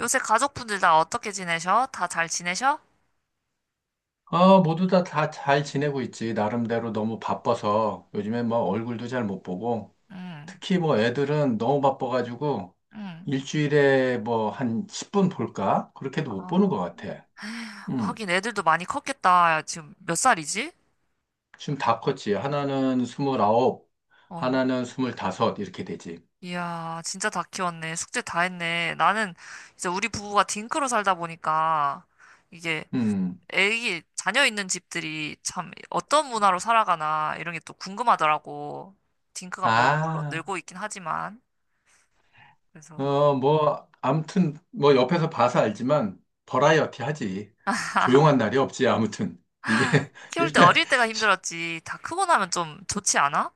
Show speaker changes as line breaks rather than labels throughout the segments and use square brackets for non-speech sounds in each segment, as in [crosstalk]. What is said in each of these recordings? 요새 가족분들 다 어떻게 지내셔? 다 잘 지내셔?
아, 모두 다 잘 지내고 있지. 나름대로 너무 바빠서 요즘에 뭐 얼굴도 잘 못 보고,
응,
특히 뭐 애들은 너무 바빠가지고
응.
일주일에 뭐 한 10분 볼까? 그렇게도 못 보는
아,
것 같아. 음,
하긴 애들도 많이 컸겠다. 지금 몇 살이지?
지금 다 컸지. 하나는 29,
어.
하나는 25 이렇게 되지.
이야, 진짜 다 키웠네. 숙제 다 했네. 나는 이제 우리 부부가 딩크로 살다 보니까 이게
음,
애기, 자녀 있는 집들이 참 어떤 문화로 살아가나 이런 게 또 궁금하더라고. 딩크가 뭐, 물론
아,
늘고 있긴 하지만. 그래서.
어, 뭐 아무튼 뭐 옆에서 봐서 알지만 버라이어티 하지. 조용한 날이 없지. 아무튼 이게 [laughs]
키울 때
일단.
어릴 때가 힘들었지. 다 크고 나면 좀 좋지 않아?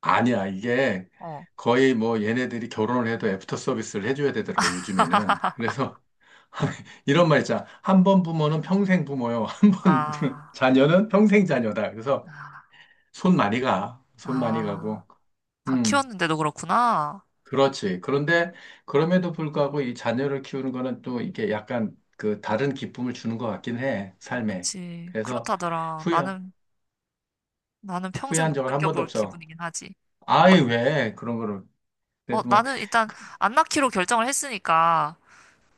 아니야, 이게
어.
거의 뭐 얘네들이 결혼을 해도 애프터 서비스를 해줘야 되더라고, 요즘에는. 그래서 [laughs] 이런 말 있잖아. 한 번 부모는 평생 부모요. 한 번 [laughs]
아.
자녀는 평생 자녀다. 그래서
아.
손 많이 가. 손 많이
아,
가고.
다
음,
키웠는데도 그렇구나.
그렇지. 그런데 그럼에도 불구하고 이 자녀를 키우는 거는 또 이게 약간 그 다른 기쁨을 주는 것 같긴 해, 삶에.
그치.
그래서
그렇다더라.
후회,
나는, 나는 평생
후회한
못
적은 한 번도
느껴볼
없어.
기분이긴 하지.
아이, 왜 그런 거를.
어,
그래도 뭐,
나는 일단
그,
안 낳기로 결정을 했으니까,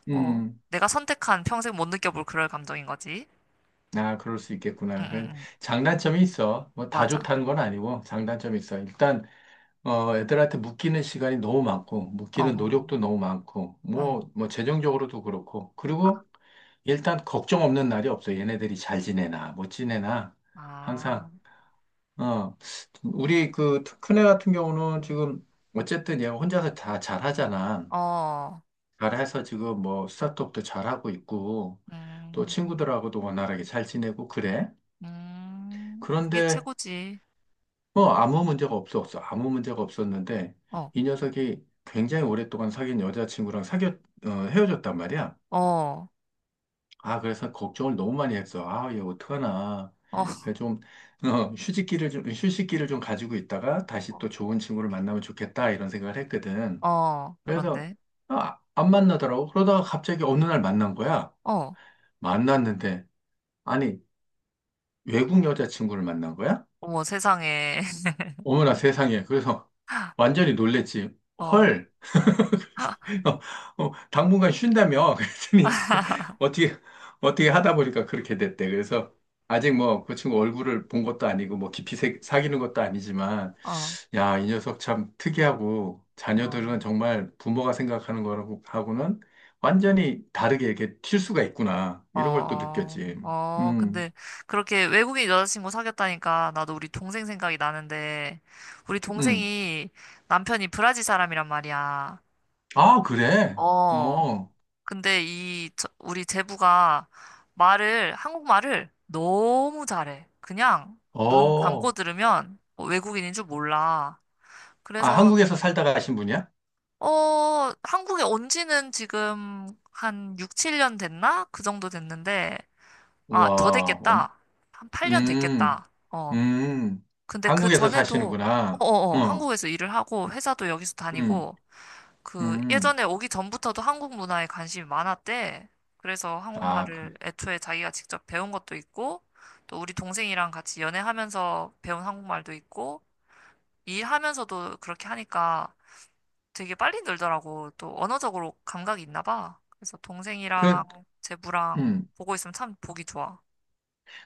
뭐,
음.
내가 선택한 평생 못 느껴볼 그럴 감정인 거지.
아, 그럴 수
응,
있겠구나. 그
응, 응.
장단점이 있어. 뭐 다
맞아.
좋다는 건 아니고 장단점이 있어. 일단 어 애들한테 묶이는 시간이 너무 많고 묶이는
어,
노력도 너무 많고
응.
뭐 뭐 재정적으로도 그렇고
아,
그리고 일단 걱정 없는 날이 없어. 얘네들이 잘 지내나 못 지내나 항상
아,
어 우리 그 큰애 같은 경우는 지금 어쨌든 얘 혼자서 다 잘하잖아.
어,
잘해서 지금 뭐타트업도 잘하고 있고 또
음,
친구들하고도 원활하게 잘 지내고 그래.
그게
그런데
최고지.
뭐 아무 문제가 없었어. 아무 문제가 없었는데
어,
이 녀석이 굉장히 오랫동안 사귄 어, 헤어졌단 말이야.
어, 어,
아, 그래서 걱정을 너무 많이 했어. 아, 얘 어떡하나.
[laughs]
그래서 좀 어, 휴식기를 좀 가지고 있다가 다시
어,
또 좋은 친구를 만나면 좋겠다 이런 생각을 했거든.
어,
그래서
그런데,
아, 안 만나더라고. 그러다가 갑자기 어느 날 만난 거야.
어,
만났는데 아니 외국 여자친구를 만난 거야?
어머 세상에,
어머나 세상에. 그래서
[laughs]
완전히 놀랬지.
어,
헐. 그래서
[laughs]
어, 어, 당분간 쉰다며 그랬더니 [laughs] 어떻게 어떻게 하다 보니까 그렇게 됐대. 그래서 아직 뭐 그 친구 얼굴을 본 것도 아니고 뭐 깊이 사귀는 것도 아니지만,
어.
야, 이 녀석 참 특이하고
어,
자녀들은 정말 부모가 생각하는 거라고 하고는 완전히 다르게 이렇게 튈 수가 있구나. 이런 걸 또
어,
느꼈지.
어,
음.
근데 그렇게 외국인 여자친구 사귀었다니까 나도 우리 동생 생각이 나는데 우리
음.
동생이 남편이 브라질 사람이란 말이야.
아, 그래.
어,
어.
근데 이 우리 제부가 말을 한국말을 너무 잘해. 그냥 눈 감고
어.
들으면 뭐 외국인인 줄 몰라.
아,
그래서
한국에서 살다가 가신 분이야?
어, 한국에 온 지는 지금 한 6, 7년 됐나? 그 정도 됐는데 아, 더
와.
됐겠다. 한 8년
음.
됐겠다. 어.
음,
근데 그
한국에서
전에도,
사시는구나. 어,
한국에서 일을 하고, 회사도 여기서
음,
다니고, 그,
음.
예전에 오기 전부터도 한국 문화에 관심이 많았대. 그래서
아, 그,
한국말을 애초에 자기가 직접 배운 것도 있고, 또 우리 동생이랑 같이 연애하면서 배운 한국말도 있고, 일하면서도 그렇게 하니까 되게 빨리 늘더라고. 또 언어적으로 감각이 있나 봐. 그래서 동생이랑
그,
제부랑
음.
보고 있으면 참 보기 좋아.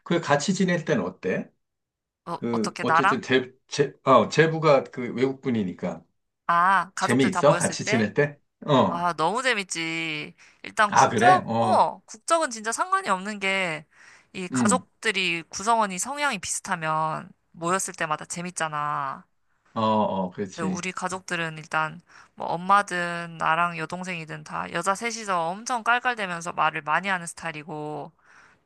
그 같이 지낼 때는 어때?
어,
그,
어떻게 나랑?
어쨌든 제부가 그 외국분이니까.
아, 가족들 다
재미있어?
모였을
같이
때?
지낼 때? 어.
아, 너무 재밌지. 일단
아, 그래?
국적?
어,
어, 국적은 진짜 상관이 없는 게, 이
음.
가족들이 구성원이 성향이 비슷하면 모였을 때마다 재밌잖아.
어, 어,
근데
그렇지.
우리 가족들은 일단 뭐 엄마든 나랑 여동생이든 다 여자 셋이서 엄청 깔깔대면서 말을 많이 하는 스타일이고,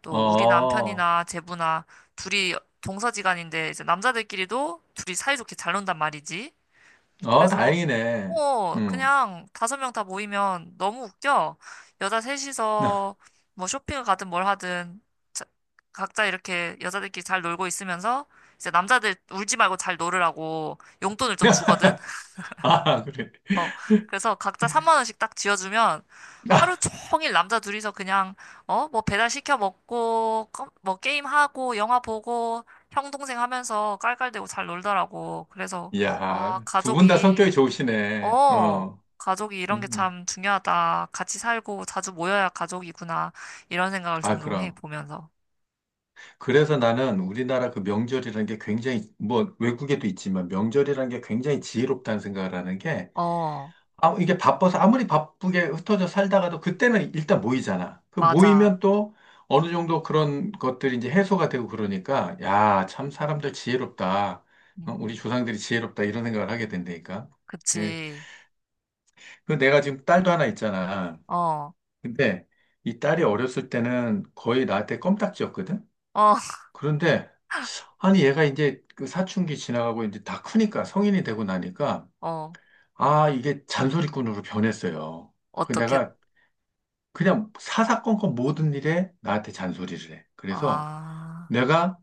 또 우리
어,
남편이나 제부나 둘이 동서지간인데 이제 남자들끼리도 둘이 사이좋게 잘 논단 말이지.
어,
그래서
다행이네. 음.
그냥 다섯 명 다 모이면 너무 웃겨. 여자 셋이서
[laughs]
뭐 쇼핑을 가든 뭘 하든 자- 각자 이렇게 여자들끼리 잘 놀고 있으면서 이제 남자들 울지 말고 잘 놀으라고 용돈을 좀 주거든.
아, 그래.
어 그래서 각자 3만 원씩 딱 쥐어주면 하루
아,
종일 남자 둘이서 그냥 뭐 배달 시켜 먹고 뭐 게임 하고 영화 보고 형 동생 하면서 깔깔대고 잘 놀더라고. 그래서
이야,
아
두 분 다
가족이
성격이 좋으시네.
어,
어,
가족이 이런 게
음.
참 중요하다. 같이 살고 자주 모여야 가족이구나. 이런 생각을
아,
종종 해,
그럼.
보면서.
그래서 나는 우리나라 그 명절이라는 게 굉장히, 뭐, 외국에도 있지만 명절이라는 게 굉장히 지혜롭다는 생각을 하는 게,
어,
아, 이게 바빠서 아무리 바쁘게 흩어져 살다가도 그때는 일단 모이잖아. 그
맞아.
모이면 또 어느 정도 그런 것들이 이제 해소가 되고 그러니까, 야, 참 사람들 지혜롭다. 어, 우리
음,
조상들이 지혜롭다. 이런 생각을 하게 된다니까. 그,
그치.
그 내가 지금 딸도 하나 있잖아.
어,
근데 이 딸이 어렸을 때는 거의 나한테 껌딱지였거든?
어, [laughs]
그런데 아니, 얘가 이제 그 사춘기 지나가고 이제 다 크니까 성인이 되고 나니까
어,
아, 이게 잔소리꾼으로 변했어요. 그
어떻게,
내가 그냥 사사건건 모든 일에 나한테 잔소리를 해. 그래서
아,
내가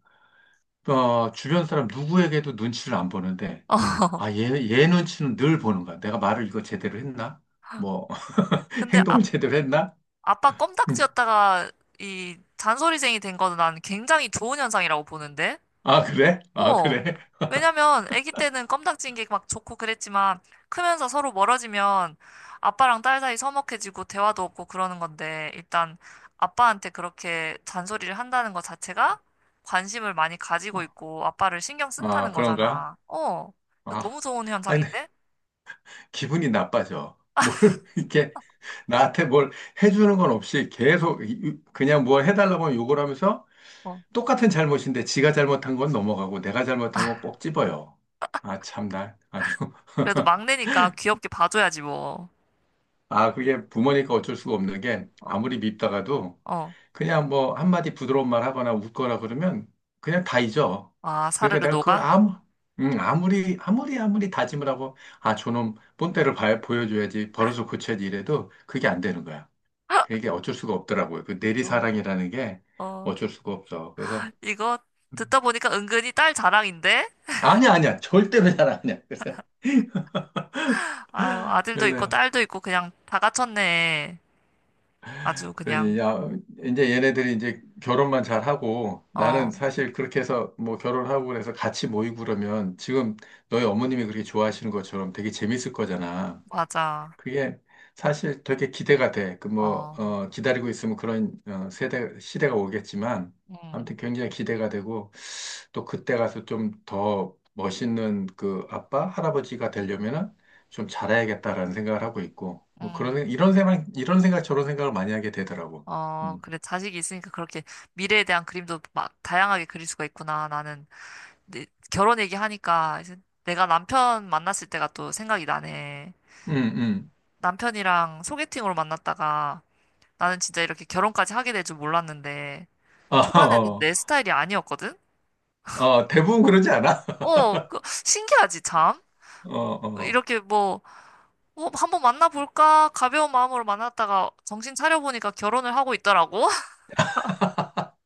어, 주변 사람 누구에게도 눈치를 안 보는데
[laughs] 어.
아, 얘 눈치는 늘 보는 거야. 내가 말을 이거 제대로 했나? 뭐 [laughs]
근데 아,
행동을 제대로 했나?
아빠
음.
껌딱지였다가 이 잔소리쟁이 된 거는 난 굉장히 좋은 현상이라고 보는데?
아, 그래? 아,
어.
그래?
왜냐면 아기 때는 껌딱지인 게 막 좋고 그랬지만 크면서 서로 멀어지면 아빠랑 딸 사이 서먹해지고 대화도 없고 그러는 건데 일단 아빠한테 그렇게 잔소리를 한다는 것 자체가 관심을 많이 가지고
어,
있고 아빠를 신경
아,
쓴다는
그런가?
거잖아. 어.
아,
너무 좋은
아니, 근데
현상인데?
기분이 나빠져. 뭐를 [laughs] 이렇게 나한테 뭘 해주는 건 없이 계속 그냥 뭘 해달라고 하면 욕을 하면서
어.
똑같은 잘못인데 지가 잘못한 건 넘어가고 내가 잘못한 건 꼭 찝어요. 아, 참, 나 아주.
그래도
[laughs]
막내니까 귀엽게 봐줘야지 뭐.
아, 그게 부모니까 어쩔 수가 없는 게
어,
아무리 밉다가도
어.
그냥 뭐 한마디 부드러운 말 하거나 웃거나 그러면 그냥 다 잊어.
아,
그러니까
사르르
내가 그걸
녹아?
아무, 아무리, 아무리, 아무리 다짐을 하고 아, 저놈 본때를 보여줘야지, 벌어서 고쳐야지 이래도 그게 안 되는 거야. 그게 어쩔 수가 없더라고요. 그
어.
내리사랑이라는 게
어.
어쩔 수가 없어. 그래서
이거 듣다 보니까 은근히 딸 자랑인데?
아니야, 아니야. 절대로 잘 아니야. 그래서 [laughs]
아유, 아들도 있고
그래서
딸도 있고 그냥 다 갖췄네. 아주
그러지.
그냥.
야, 이제 얘네들이 이제 결혼만 잘하고 나는
어,
사실 그렇게 해서 뭐 결혼하고 그래서 같이 모이고 그러면 지금 너희 어머님이 그렇게 좋아하시는 것처럼 되게 재밌을 거잖아.
맞아.
그게 사실 되게 기대가 돼. 그 뭐,
어,
어, 기다리고 있으면 그런 어, 세대, 시대가 오겠지만,
음,
아무튼 굉장히 기대가 되고, 또 그때 가서 좀 더 멋있는 그 아빠, 할아버지가 되려면은 좀 잘해야겠다라는 생각을 하고 있고, 뭐 그런,
음.
이런 생각, 이런 생각, 저런 생각을 많이 하게 되더라고.
어,
음,
그래. 자식이 있으니까 그렇게 미래에 대한 그림도 막 다양하게 그릴 수가 있구나. 나는 내- 결혼 얘기하니까 이제 내가 남편 만났을 때가 또 생각이 나네.
음, 음.
남편이랑 소개팅으로 만났다가 나는 진짜 이렇게 결혼까지 하게 될 줄 몰랐는데
어, [laughs]
초반에는
어,
내 스타일이 아니었거든?
어, 대부분 그러지 않아? [laughs]
어, 그, 신기하지, 참?
어, 어,
이렇게 뭐 한번 만나볼까? 가벼운 마음으로 만났다가 정신 차려보니까 결혼을 하고 있더라고. [laughs]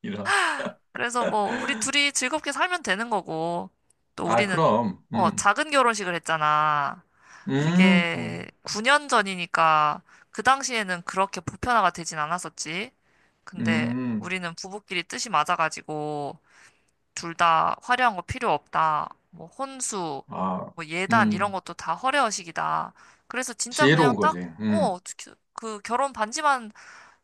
이런.
그래서 뭐, 우리 둘이 즐겁게 살면 되는 거고. 또
아,
우리는,
그럼,
작은 결혼식을 했잖아.
음, 음,
그게 9년 전이니까 그 당시에는 그렇게 보편화가 되진 않았었지. 근데
음,
우리는 부부끼리 뜻이 맞아가지고 둘 다 화려한 거 필요 없다. 뭐 혼수,
아,
뭐 예단 이런
음.
것도 다 허례허식이다. 그래서 진짜 그냥
지혜로운 거지.
딱, 그 결혼 반지만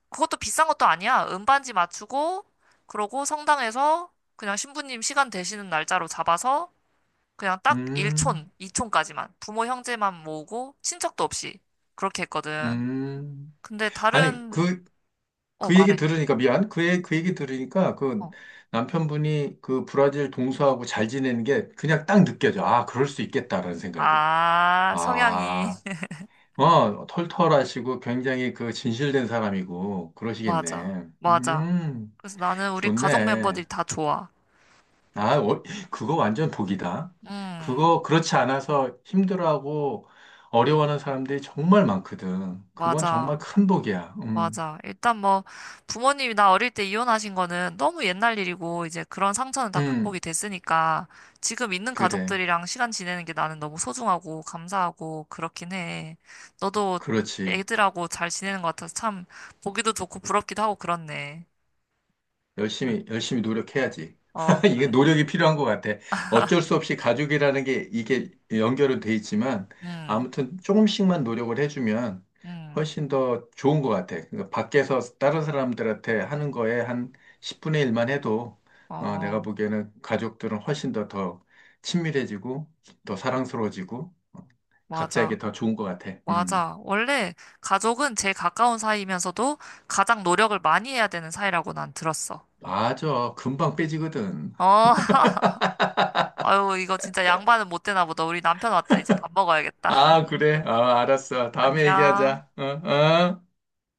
그것도 비싼 것도 아니야. 은반지 맞추고 그러고 성당에서 그냥 신부님 시간 되시는 날짜로 잡아서 그냥 딱
음,
1촌, 2촌까지만 부모 형제만 모으고 친척도 없이 그렇게 했거든.
음.
근데
아니,
다른.
그,
어,
그 얘기
말해.
들으니까, 미안. 그, 그 얘기 들으니까, 그
어.
남편분이 그 브라질 동서하고 잘 지내는 게 그냥 딱 느껴져. 아, 그럴 수 있겠다라는 생각이.
아, 성향이
아,
[laughs]
어, 털털하시고 굉장히 그 진실된 사람이고,
맞아.
그러시겠네.
맞아. 그래서 나는 우리 가족
좋네.
멤버들이 다 좋아.
아, 어, 그거 완전 복이다.
음,
그거 그렇지 않아서 힘들어하고 어려워하는 사람들이 정말 많거든. 그건 정말
맞아.
큰 복이야.
맞아. 일단 뭐, 부모님이 나 어릴 때 이혼하신 거는 너무 옛날 일이고, 이제 그런 상처는 다
음,
극복이 됐으니까, 지금 있는
그래.
가족들이랑 시간 지내는 게 나는 너무 소중하고, 감사하고, 그렇긴 해. 너도
그렇지.
애들하고 잘 지내는 것 같아서 참, 보기도 좋고, 부럽기도 하고, 그렇네.
열심히, 열심히 노력해야지.
어,
[laughs]
그래.
이게 노력이 필요한 것 같아. 어쩔 수 없이 가족이라는 게 이게 연결은 돼 있지만
음,
아무튼 조금씩만 노력을 해주면
음,
훨씬 더 좋은 것 같아. 그러니까 밖에서 다른 사람들한테 하는 거에 한 10분의 1만 해도 어,
어,
내가 보기에는 가족들은 훨씬 더 더 친밀해지고 더 사랑스러워지고 어, 각자에게
맞아.
더 좋은 것 같아.
맞아. 원래 가족은 제일 가까운 사이면서도 가장 노력을 많이 해야 되는 사이라고 난 들었어.
맞아.
어,
금방 빼지거든.
어, [laughs] 아유, 이거 진짜 양반은 못 되나 보다. 우리 남편 왔다. 이제 밥 먹어야겠다.
아,
[laughs]
그래. 아, 알았어. 다음에
안녕.
얘기하자. 어, 어?